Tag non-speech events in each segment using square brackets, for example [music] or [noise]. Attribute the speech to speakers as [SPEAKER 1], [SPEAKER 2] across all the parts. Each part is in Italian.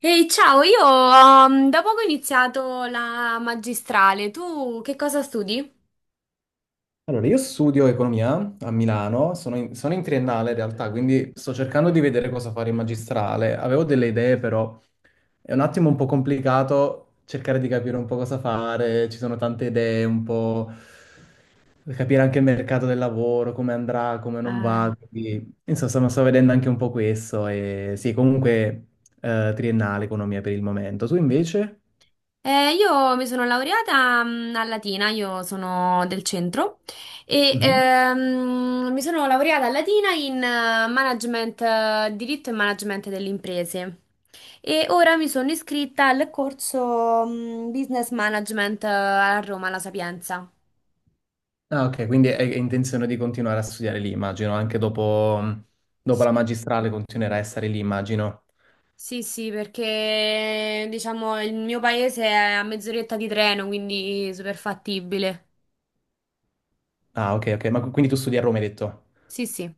[SPEAKER 1] Ehi, ciao, io da poco ho iniziato la magistrale. Tu che cosa studi?
[SPEAKER 2] Allora, io studio economia a Milano, sono in triennale in realtà, quindi sto cercando di vedere cosa fare in magistrale. Avevo delle idee, però è un attimo un po' complicato cercare di capire un po' cosa fare, ci sono tante idee, un po' capire anche il mercato del lavoro, come andrà, come non
[SPEAKER 1] Eh,
[SPEAKER 2] va. Quindi, insomma, sto vedendo anche un po' questo e sì, comunque triennale economia per il momento. Tu invece?
[SPEAKER 1] Io mi sono laureata a Latina, io sono del centro e mi sono laureata a Latina in management, diritto e management delle imprese. E ora mi sono iscritta al corso Business Management a Roma, alla Sapienza.
[SPEAKER 2] Ah, ok, quindi hai intenzione di continuare a studiare lì, immagino, anche dopo, dopo la
[SPEAKER 1] Sì.
[SPEAKER 2] magistrale continuerai a stare lì, immagino.
[SPEAKER 1] Sì, sì, perché diciamo il mio paese è a mezz'oretta di treno, quindi super fattibile.
[SPEAKER 2] Ah, ok, ok, ma quindi tu studi a Roma, hai detto?
[SPEAKER 1] Sì, sì.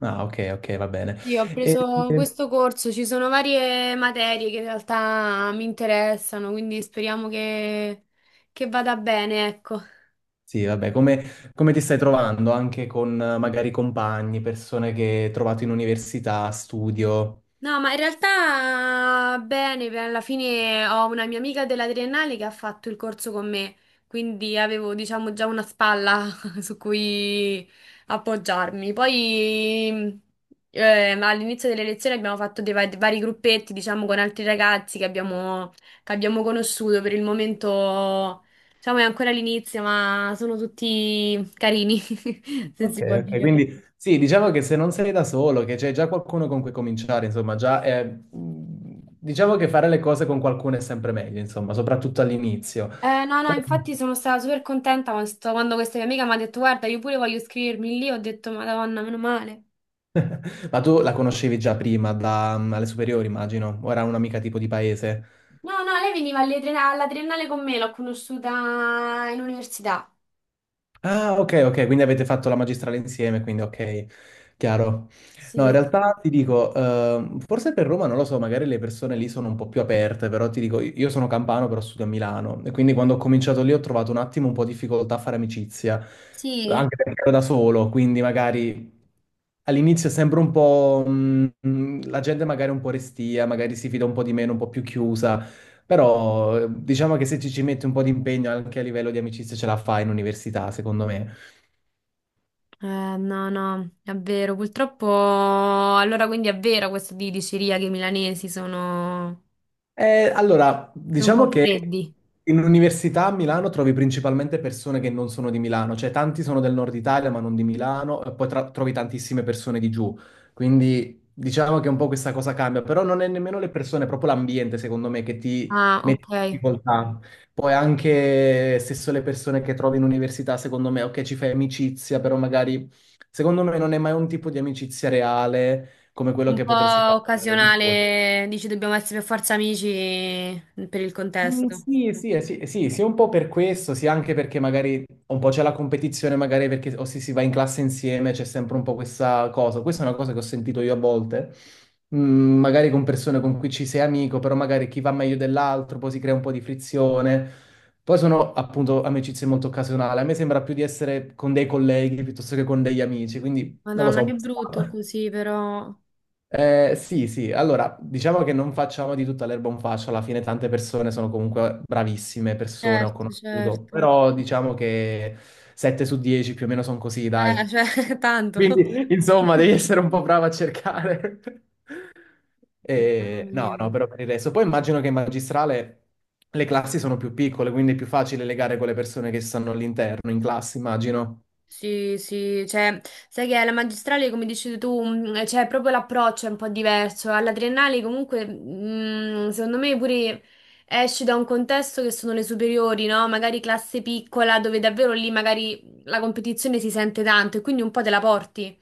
[SPEAKER 2] Ah, ok, ok, va bene.
[SPEAKER 1] Io ho
[SPEAKER 2] E,
[SPEAKER 1] preso
[SPEAKER 2] e-
[SPEAKER 1] questo corso, ci sono varie materie che in realtà mi interessano, quindi speriamo che vada bene, ecco.
[SPEAKER 2] sì, vabbè, come ti stai trovando anche con magari compagni, persone che hai trovato in università, studio?
[SPEAKER 1] No, ma in realtà bene, alla fine ho una mia amica della triennale che ha fatto il corso con me, quindi avevo, diciamo, già una spalla [laughs] su cui appoggiarmi. Poi eh, all'inizio delle lezioni abbiamo fatto dei vari gruppetti, diciamo, con altri ragazzi che abbiamo conosciuto. Per il momento, diciamo, è ancora l'inizio, ma sono tutti carini, [laughs] se
[SPEAKER 2] Ok,
[SPEAKER 1] si può
[SPEAKER 2] ok,
[SPEAKER 1] dire.
[SPEAKER 2] quindi sì, diciamo che se non sei da solo, che c'è già qualcuno con cui cominciare, insomma, diciamo che fare le cose con qualcuno è sempre meglio, insomma, soprattutto all'inizio.
[SPEAKER 1] No, no, infatti sono stata super contenta quando, quando questa mia amica mi ha detto, guarda, io pure voglio iscrivermi lì, ho detto, Madonna, meno male.
[SPEAKER 2] Ma tu la conoscevi già prima, da, alle superiori, immagino, o era un'amica tipo di paese?
[SPEAKER 1] No, no, lei veniva alle alla triennale con me, l'ho conosciuta in università.
[SPEAKER 2] Ah, ok, ok, quindi avete fatto la magistrale insieme, quindi ok, chiaro. No, in
[SPEAKER 1] Sì,
[SPEAKER 2] realtà
[SPEAKER 1] sì.
[SPEAKER 2] ti dico, forse per Roma, non lo so, magari le persone lì sono un po' più aperte, però ti dico, io sono campano, però studio a Milano, e quindi quando ho cominciato lì ho trovato un attimo un po' di difficoltà a fare amicizia,
[SPEAKER 1] Sì.
[SPEAKER 2] anche perché ero da solo, quindi magari... All'inizio sembra un po', la gente magari è un po' restia, magari si fida un po' di meno, un po' più chiusa, però diciamo che se ci metti un po' di impegno anche a livello di amicizia ce la fai in università, secondo me.
[SPEAKER 1] Eh, no, no, è vero. Purtroppo, allora quindi è vero questo di diceria che i milanesi sono,
[SPEAKER 2] Allora,
[SPEAKER 1] sono un po'
[SPEAKER 2] diciamo che
[SPEAKER 1] freddi.
[SPEAKER 2] in università a Milano trovi principalmente persone che non sono di Milano, cioè tanti sono del nord Italia ma non di Milano, e poi trovi tantissime persone di giù, quindi diciamo che un po' questa cosa cambia, però non è nemmeno le persone, è proprio l'ambiente secondo me che ti
[SPEAKER 1] Ah,
[SPEAKER 2] mette in
[SPEAKER 1] ok.
[SPEAKER 2] difficoltà. Poi anche stesso le persone che trovi in università, secondo me, ok, ci fai amicizia, però magari secondo me non è mai un tipo di amicizia reale come quello
[SPEAKER 1] Un
[SPEAKER 2] che potresti
[SPEAKER 1] po'
[SPEAKER 2] fare di fuori.
[SPEAKER 1] occasionale, dici dobbiamo essere per forza amici per il contesto.
[SPEAKER 2] Sì, sì, sì, sì, sia un po' per questo, sia anche perché magari un po' c'è la competizione, magari perché o si va in classe insieme, c'è sempre un po' questa cosa. Questa è una cosa che ho sentito io a volte, magari con persone con cui ci sei amico, però magari chi va meglio dell'altro, poi si crea un po' di frizione. Poi sono appunto amicizie molto occasionali. A me sembra più di essere con dei colleghi piuttosto che con degli amici, quindi non lo
[SPEAKER 1] Madonna, che
[SPEAKER 2] so.
[SPEAKER 1] brutto così, però.
[SPEAKER 2] Sì, sì, allora diciamo che non facciamo di tutta l'erba un fascio, alla fine tante persone sono comunque bravissime persone, ho
[SPEAKER 1] Certo,
[SPEAKER 2] conosciuto,
[SPEAKER 1] certo.
[SPEAKER 2] però diciamo che 7 su 10 più o meno sono così, dai.
[SPEAKER 1] Cioè, [laughs] tanto.
[SPEAKER 2] Quindi insomma devi essere un po' bravo a cercare. [laughs]
[SPEAKER 1] Mamma
[SPEAKER 2] E, no,
[SPEAKER 1] mia.
[SPEAKER 2] no, però per il resto. Poi immagino che in magistrale le classi sono più piccole, quindi è più facile legare con le persone che stanno all'interno, in classe, immagino.
[SPEAKER 1] Sì, sì, cioè, sai che alla magistrale, come dici tu, cioè, proprio l'approccio è un po' diverso. Alla triennale, comunque, secondo me pure esci da un contesto che sono le superiori, no? Magari classe piccola, dove davvero lì magari la competizione si sente tanto e quindi un po' te la porti.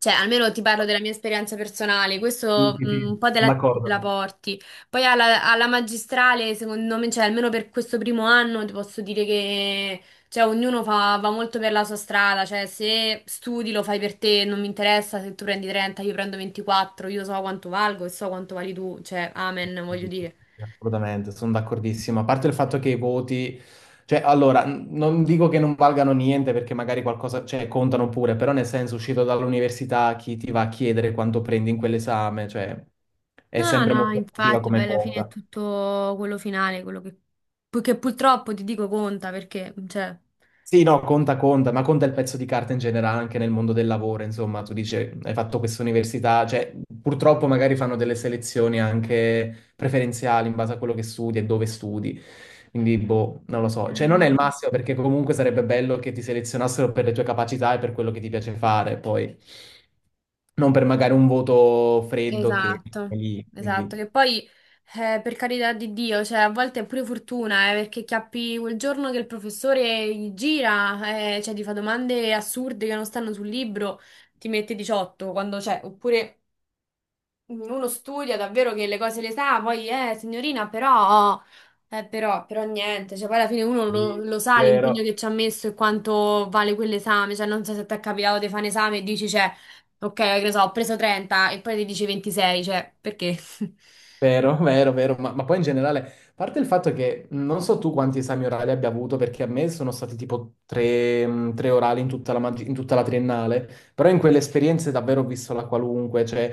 [SPEAKER 1] Cioè, almeno ti parlo della mia esperienza personale,
[SPEAKER 2] Sì,
[SPEAKER 1] questo
[SPEAKER 2] sì, sì,
[SPEAKER 1] un po'
[SPEAKER 2] sono
[SPEAKER 1] te
[SPEAKER 2] d'accordo.
[SPEAKER 1] la porti. Poi alla magistrale, secondo me, cioè, almeno per questo primo anno, ti posso dire che cioè, ognuno va molto per la sua strada. Cioè, se studi lo fai per te, non mi interessa se tu prendi 30, io prendo 24, io so quanto valgo e so quanto vali tu. Cioè, amen, voglio dire.
[SPEAKER 2] Assolutamente, sono d'accordissimo. A parte il fatto che i voti, cioè, allora, non dico che non valgano niente perché magari qualcosa, cioè, contano pure, però nel senso, uscito dall'università, chi ti va a chiedere quanto prendi in quell'esame, cioè, è
[SPEAKER 1] No,
[SPEAKER 2] sempre
[SPEAKER 1] no,
[SPEAKER 2] molto relativa
[SPEAKER 1] infatti, poi
[SPEAKER 2] come
[SPEAKER 1] alla fine è
[SPEAKER 2] cosa.
[SPEAKER 1] tutto quello finale, quello che purtroppo ti dico conta, perché, cioè...
[SPEAKER 2] Sì, no, conta, conta, ma conta il pezzo di carta in generale anche nel mondo del lavoro, insomma, tu dici, hai fatto questa università, cioè, purtroppo magari fanno delle selezioni anche preferenziali in base a quello che studi e dove studi, quindi, boh, non lo so, cioè, non è il massimo perché comunque sarebbe bello che ti selezionassero per le tue capacità e per quello che ti piace fare, poi, non per magari un voto freddo che è
[SPEAKER 1] Esatto,
[SPEAKER 2] lì,
[SPEAKER 1] esatto, che
[SPEAKER 2] quindi...
[SPEAKER 1] poi per carità di Dio, cioè a volte è pure fortuna, perché chiappi quel giorno che il professore gli gira, cioè ti fa domande assurde che non stanno sul libro, ti mette 18 quando c'è, oppure uno studia davvero che le cose le sa, poi signorina, però, però niente, cioè poi alla fine uno lo sa l'impegno
[SPEAKER 2] Vero.
[SPEAKER 1] che ci ha messo e quanto vale quell'esame, cioè non so se ti è capitato di fare un esame e dici, cioè, ok, che ne so, ho preso 30 e poi ti dici 26, cioè, perché? [laughs]
[SPEAKER 2] Vero, [laughs] vero, vero, ma poi in generale, a parte il fatto che non so tu quanti esami orali abbia avuto, perché a me sono stati tipo tre, tre orali in tutta la, in tutta la triennale, però in quelle esperienze davvero ho visto la qualunque, cioè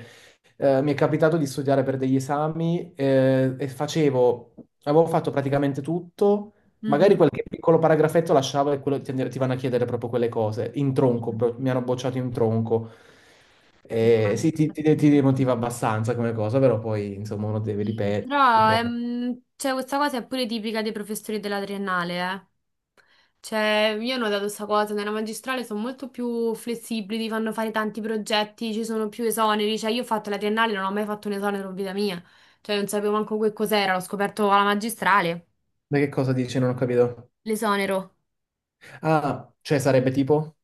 [SPEAKER 2] mi è capitato di studiare per degli esami avevo fatto praticamente tutto, magari
[SPEAKER 1] Mhm.
[SPEAKER 2] qualche piccolo paragrafetto lasciavo e quello, ti vanno a chiedere proprio quelle cose, in tronco, mi hanno bocciato in tronco.
[SPEAKER 1] No,
[SPEAKER 2] Sì,
[SPEAKER 1] infatti.
[SPEAKER 2] ti demotiva abbastanza come cosa, però poi insomma uno deve
[SPEAKER 1] Sì,
[SPEAKER 2] ripetere,
[SPEAKER 1] però
[SPEAKER 2] riprova.
[SPEAKER 1] cioè, questa cosa è pure tipica dei professori della triennale, eh. Cioè, io ho notato questa cosa, nella magistrale sono molto più flessibili, ti fanno fare tanti progetti, ci sono più esoneri, cioè io ho fatto la triennale, non ho mai fatto un esonero in vita mia, cioè non sapevo manco che cos'era, l'ho scoperto alla magistrale,
[SPEAKER 2] Ma che cosa dici? Non ho capito.
[SPEAKER 1] l'esonero.
[SPEAKER 2] Ah, cioè sarebbe tipo?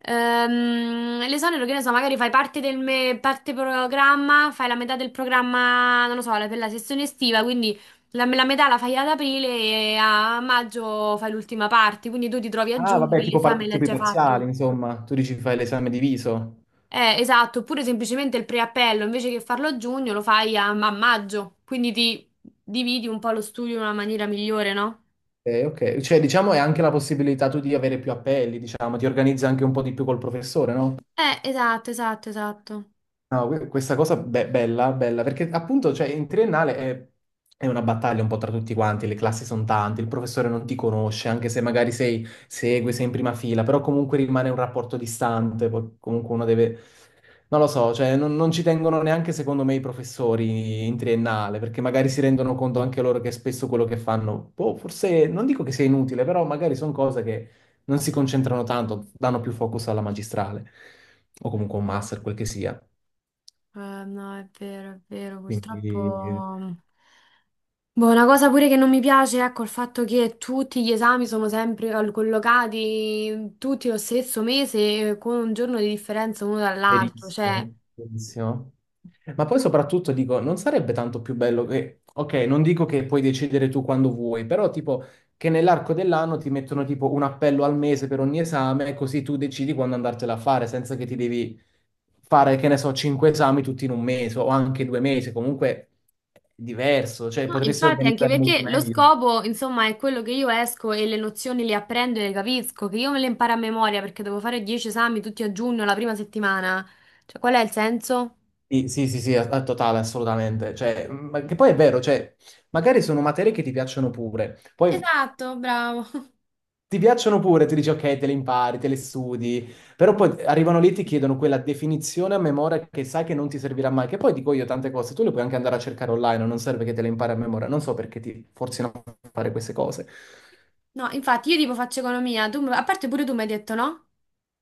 [SPEAKER 1] L'esonero, che ne so, magari fai parte del parte programma, fai la metà del programma, non lo so, per la sessione estiva, quindi la metà la fai ad aprile e a maggio fai l'ultima parte, quindi tu ti trovi a
[SPEAKER 2] Ah,
[SPEAKER 1] giugno
[SPEAKER 2] vabbè,
[SPEAKER 1] che l'esame l'hai
[SPEAKER 2] tipo i
[SPEAKER 1] già
[SPEAKER 2] parziali,
[SPEAKER 1] fatto.
[SPEAKER 2] insomma. Tu dici fai l'esame diviso.
[SPEAKER 1] Esatto, oppure semplicemente il preappello, invece che farlo a giugno, lo fai a maggio, quindi ti dividi un po' lo studio in una maniera migliore, no?
[SPEAKER 2] Ok, ok. Cioè, diciamo, è anche la possibilità tu di avere più appelli, diciamo, ti organizzi anche un po' di più col professore, no?
[SPEAKER 1] Esatto, esatto, esatto.
[SPEAKER 2] No, questa cosa bella, bella, perché appunto, cioè, in triennale è una battaglia un po' tra tutti quanti, le classi sono tante, il professore non ti conosce, anche se magari sei, segui, sei in prima fila, però comunque rimane un rapporto distante, poi comunque uno deve, non lo so, cioè non ci tengono neanche secondo me i professori in triennale, perché magari si rendono conto anche loro che spesso quello che fanno, boh, forse non dico che sia inutile, però magari sono cose che non si concentrano tanto, danno più focus alla magistrale, o comunque a un master, quel che sia.
[SPEAKER 1] Eh, no, è vero,
[SPEAKER 2] Quindi
[SPEAKER 1] purtroppo. Boh, una cosa pure che non mi piace, ecco, il fatto che tutti gli esami sono sempre collocati tutti lo stesso mese con un giorno di differenza uno dall'altro, cioè...
[SPEAKER 2] verissimo, verissimo. Ma poi soprattutto dico, non sarebbe tanto più bello che, ok, non dico che puoi decidere tu quando vuoi, però tipo che nell'arco dell'anno ti mettono tipo un appello al mese per ogni esame, così tu decidi quando andartela a fare, senza che ti devi fare, che ne so, cinque esami tutti in un mese o anche due mesi, comunque è diverso, cioè
[SPEAKER 1] No,
[SPEAKER 2] potresti
[SPEAKER 1] infatti, anche
[SPEAKER 2] organizzare molto
[SPEAKER 1] perché lo
[SPEAKER 2] meglio.
[SPEAKER 1] scopo, insomma, è quello che io esco e le nozioni le apprendo e le capisco, che io me le imparo a memoria perché devo fare 10 esami tutti a giugno, la prima settimana. Cioè, qual è il senso?
[SPEAKER 2] Sì, sì, sì, sì, a totale, assolutamente. Cioè, ma che poi è vero, cioè, magari sono materie che ti piacciono pure. Poi
[SPEAKER 1] Esatto, bravo. [laughs]
[SPEAKER 2] ti piacciono pure, ti dici ok, te le impari, te le studi, però poi arrivano lì e ti chiedono quella definizione a memoria che sai che non ti servirà mai, che poi dico io tante cose, tu le puoi anche andare a cercare online, non serve che te le impari a memoria, non so perché ti forzino a fare queste cose.
[SPEAKER 1] No, infatti, io tipo faccio economia, tu, a parte pure tu mi hai detto, no?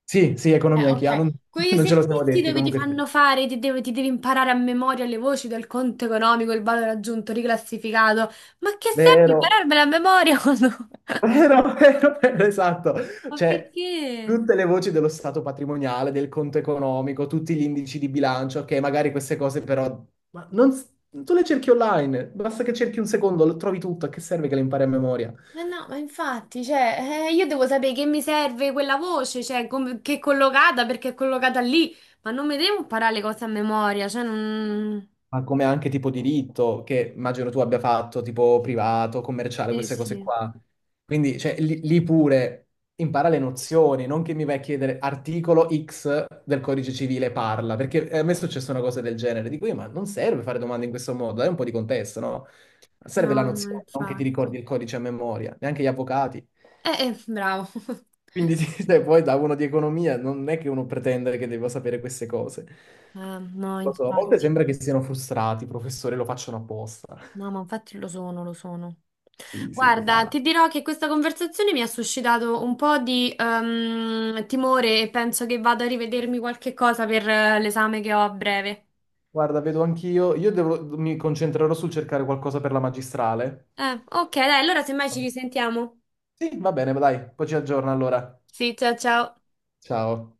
[SPEAKER 2] Sì, sì, economia anch'io, ah,
[SPEAKER 1] Ok,
[SPEAKER 2] non, [laughs]
[SPEAKER 1] quegli
[SPEAKER 2] non ce lo siamo
[SPEAKER 1] esercizi
[SPEAKER 2] detti
[SPEAKER 1] dove ti
[SPEAKER 2] comunque. Sì.
[SPEAKER 1] fanno fare, ti, ti devi imparare a memoria le voci del conto economico, il valore aggiunto, riclassificato. Ma che serve
[SPEAKER 2] Vero.
[SPEAKER 1] impararmela a memoria quando-
[SPEAKER 2] [laughs]
[SPEAKER 1] [laughs]
[SPEAKER 2] Vero, vero, vero, esatto.
[SPEAKER 1] Ma
[SPEAKER 2] Cioè,
[SPEAKER 1] perché?
[SPEAKER 2] tutte le voci dello stato patrimoniale, del conto economico, tutti gli indici di bilancio, che magari queste cose però... Ma non... Tu le cerchi online, basta che cerchi un secondo, lo trovi tutto, a che serve che le impari a memoria?
[SPEAKER 1] Eh no, ma infatti, cioè, io devo sapere che mi serve quella voce, cioè, che è collocata, perché è collocata lì, ma non mi devo imparare le cose a memoria, cioè, non...
[SPEAKER 2] Ma come anche tipo diritto, che immagino tu abbia fatto, tipo privato, commerciale,
[SPEAKER 1] Sì,
[SPEAKER 2] queste cose
[SPEAKER 1] sì,
[SPEAKER 2] qua. Quindi, cioè, lì pure impara le nozioni, non che mi vai a chiedere articolo X del codice civile parla, perché a me è successa una cosa del genere. Dico io, ma non serve fare domande in questo modo, dai un po' di contesto, no?
[SPEAKER 1] no,
[SPEAKER 2] Serve la
[SPEAKER 1] no,
[SPEAKER 2] nozione, non che ti
[SPEAKER 1] infatti.
[SPEAKER 2] ricordi il codice a memoria, neanche gli avvocati.
[SPEAKER 1] Bravo. [laughs]
[SPEAKER 2] Quindi, [laughs] sì, cioè, poi da uno di economia non è che uno pretende che debba sapere queste cose.
[SPEAKER 1] No,
[SPEAKER 2] Lo so, a volte
[SPEAKER 1] infatti.
[SPEAKER 2] sembra che siano frustrati, professore, lo facciano apposta.
[SPEAKER 1] No, ma infatti lo sono, lo sono.
[SPEAKER 2] Sì, sì,
[SPEAKER 1] Guarda,
[SPEAKER 2] totale.
[SPEAKER 1] ti dirò che questa conversazione mi ha suscitato un po' di timore e penso che vado a rivedermi qualche cosa per l'esame che ho a breve.
[SPEAKER 2] Guarda, vedo anch'io, io mi concentrerò sul cercare qualcosa per la magistrale.
[SPEAKER 1] Ok, dai, allora semmai ci risentiamo.
[SPEAKER 2] Sì, va bene, dai, poi ci aggiorno allora.
[SPEAKER 1] Sì, ciao ciao.
[SPEAKER 2] Ciao.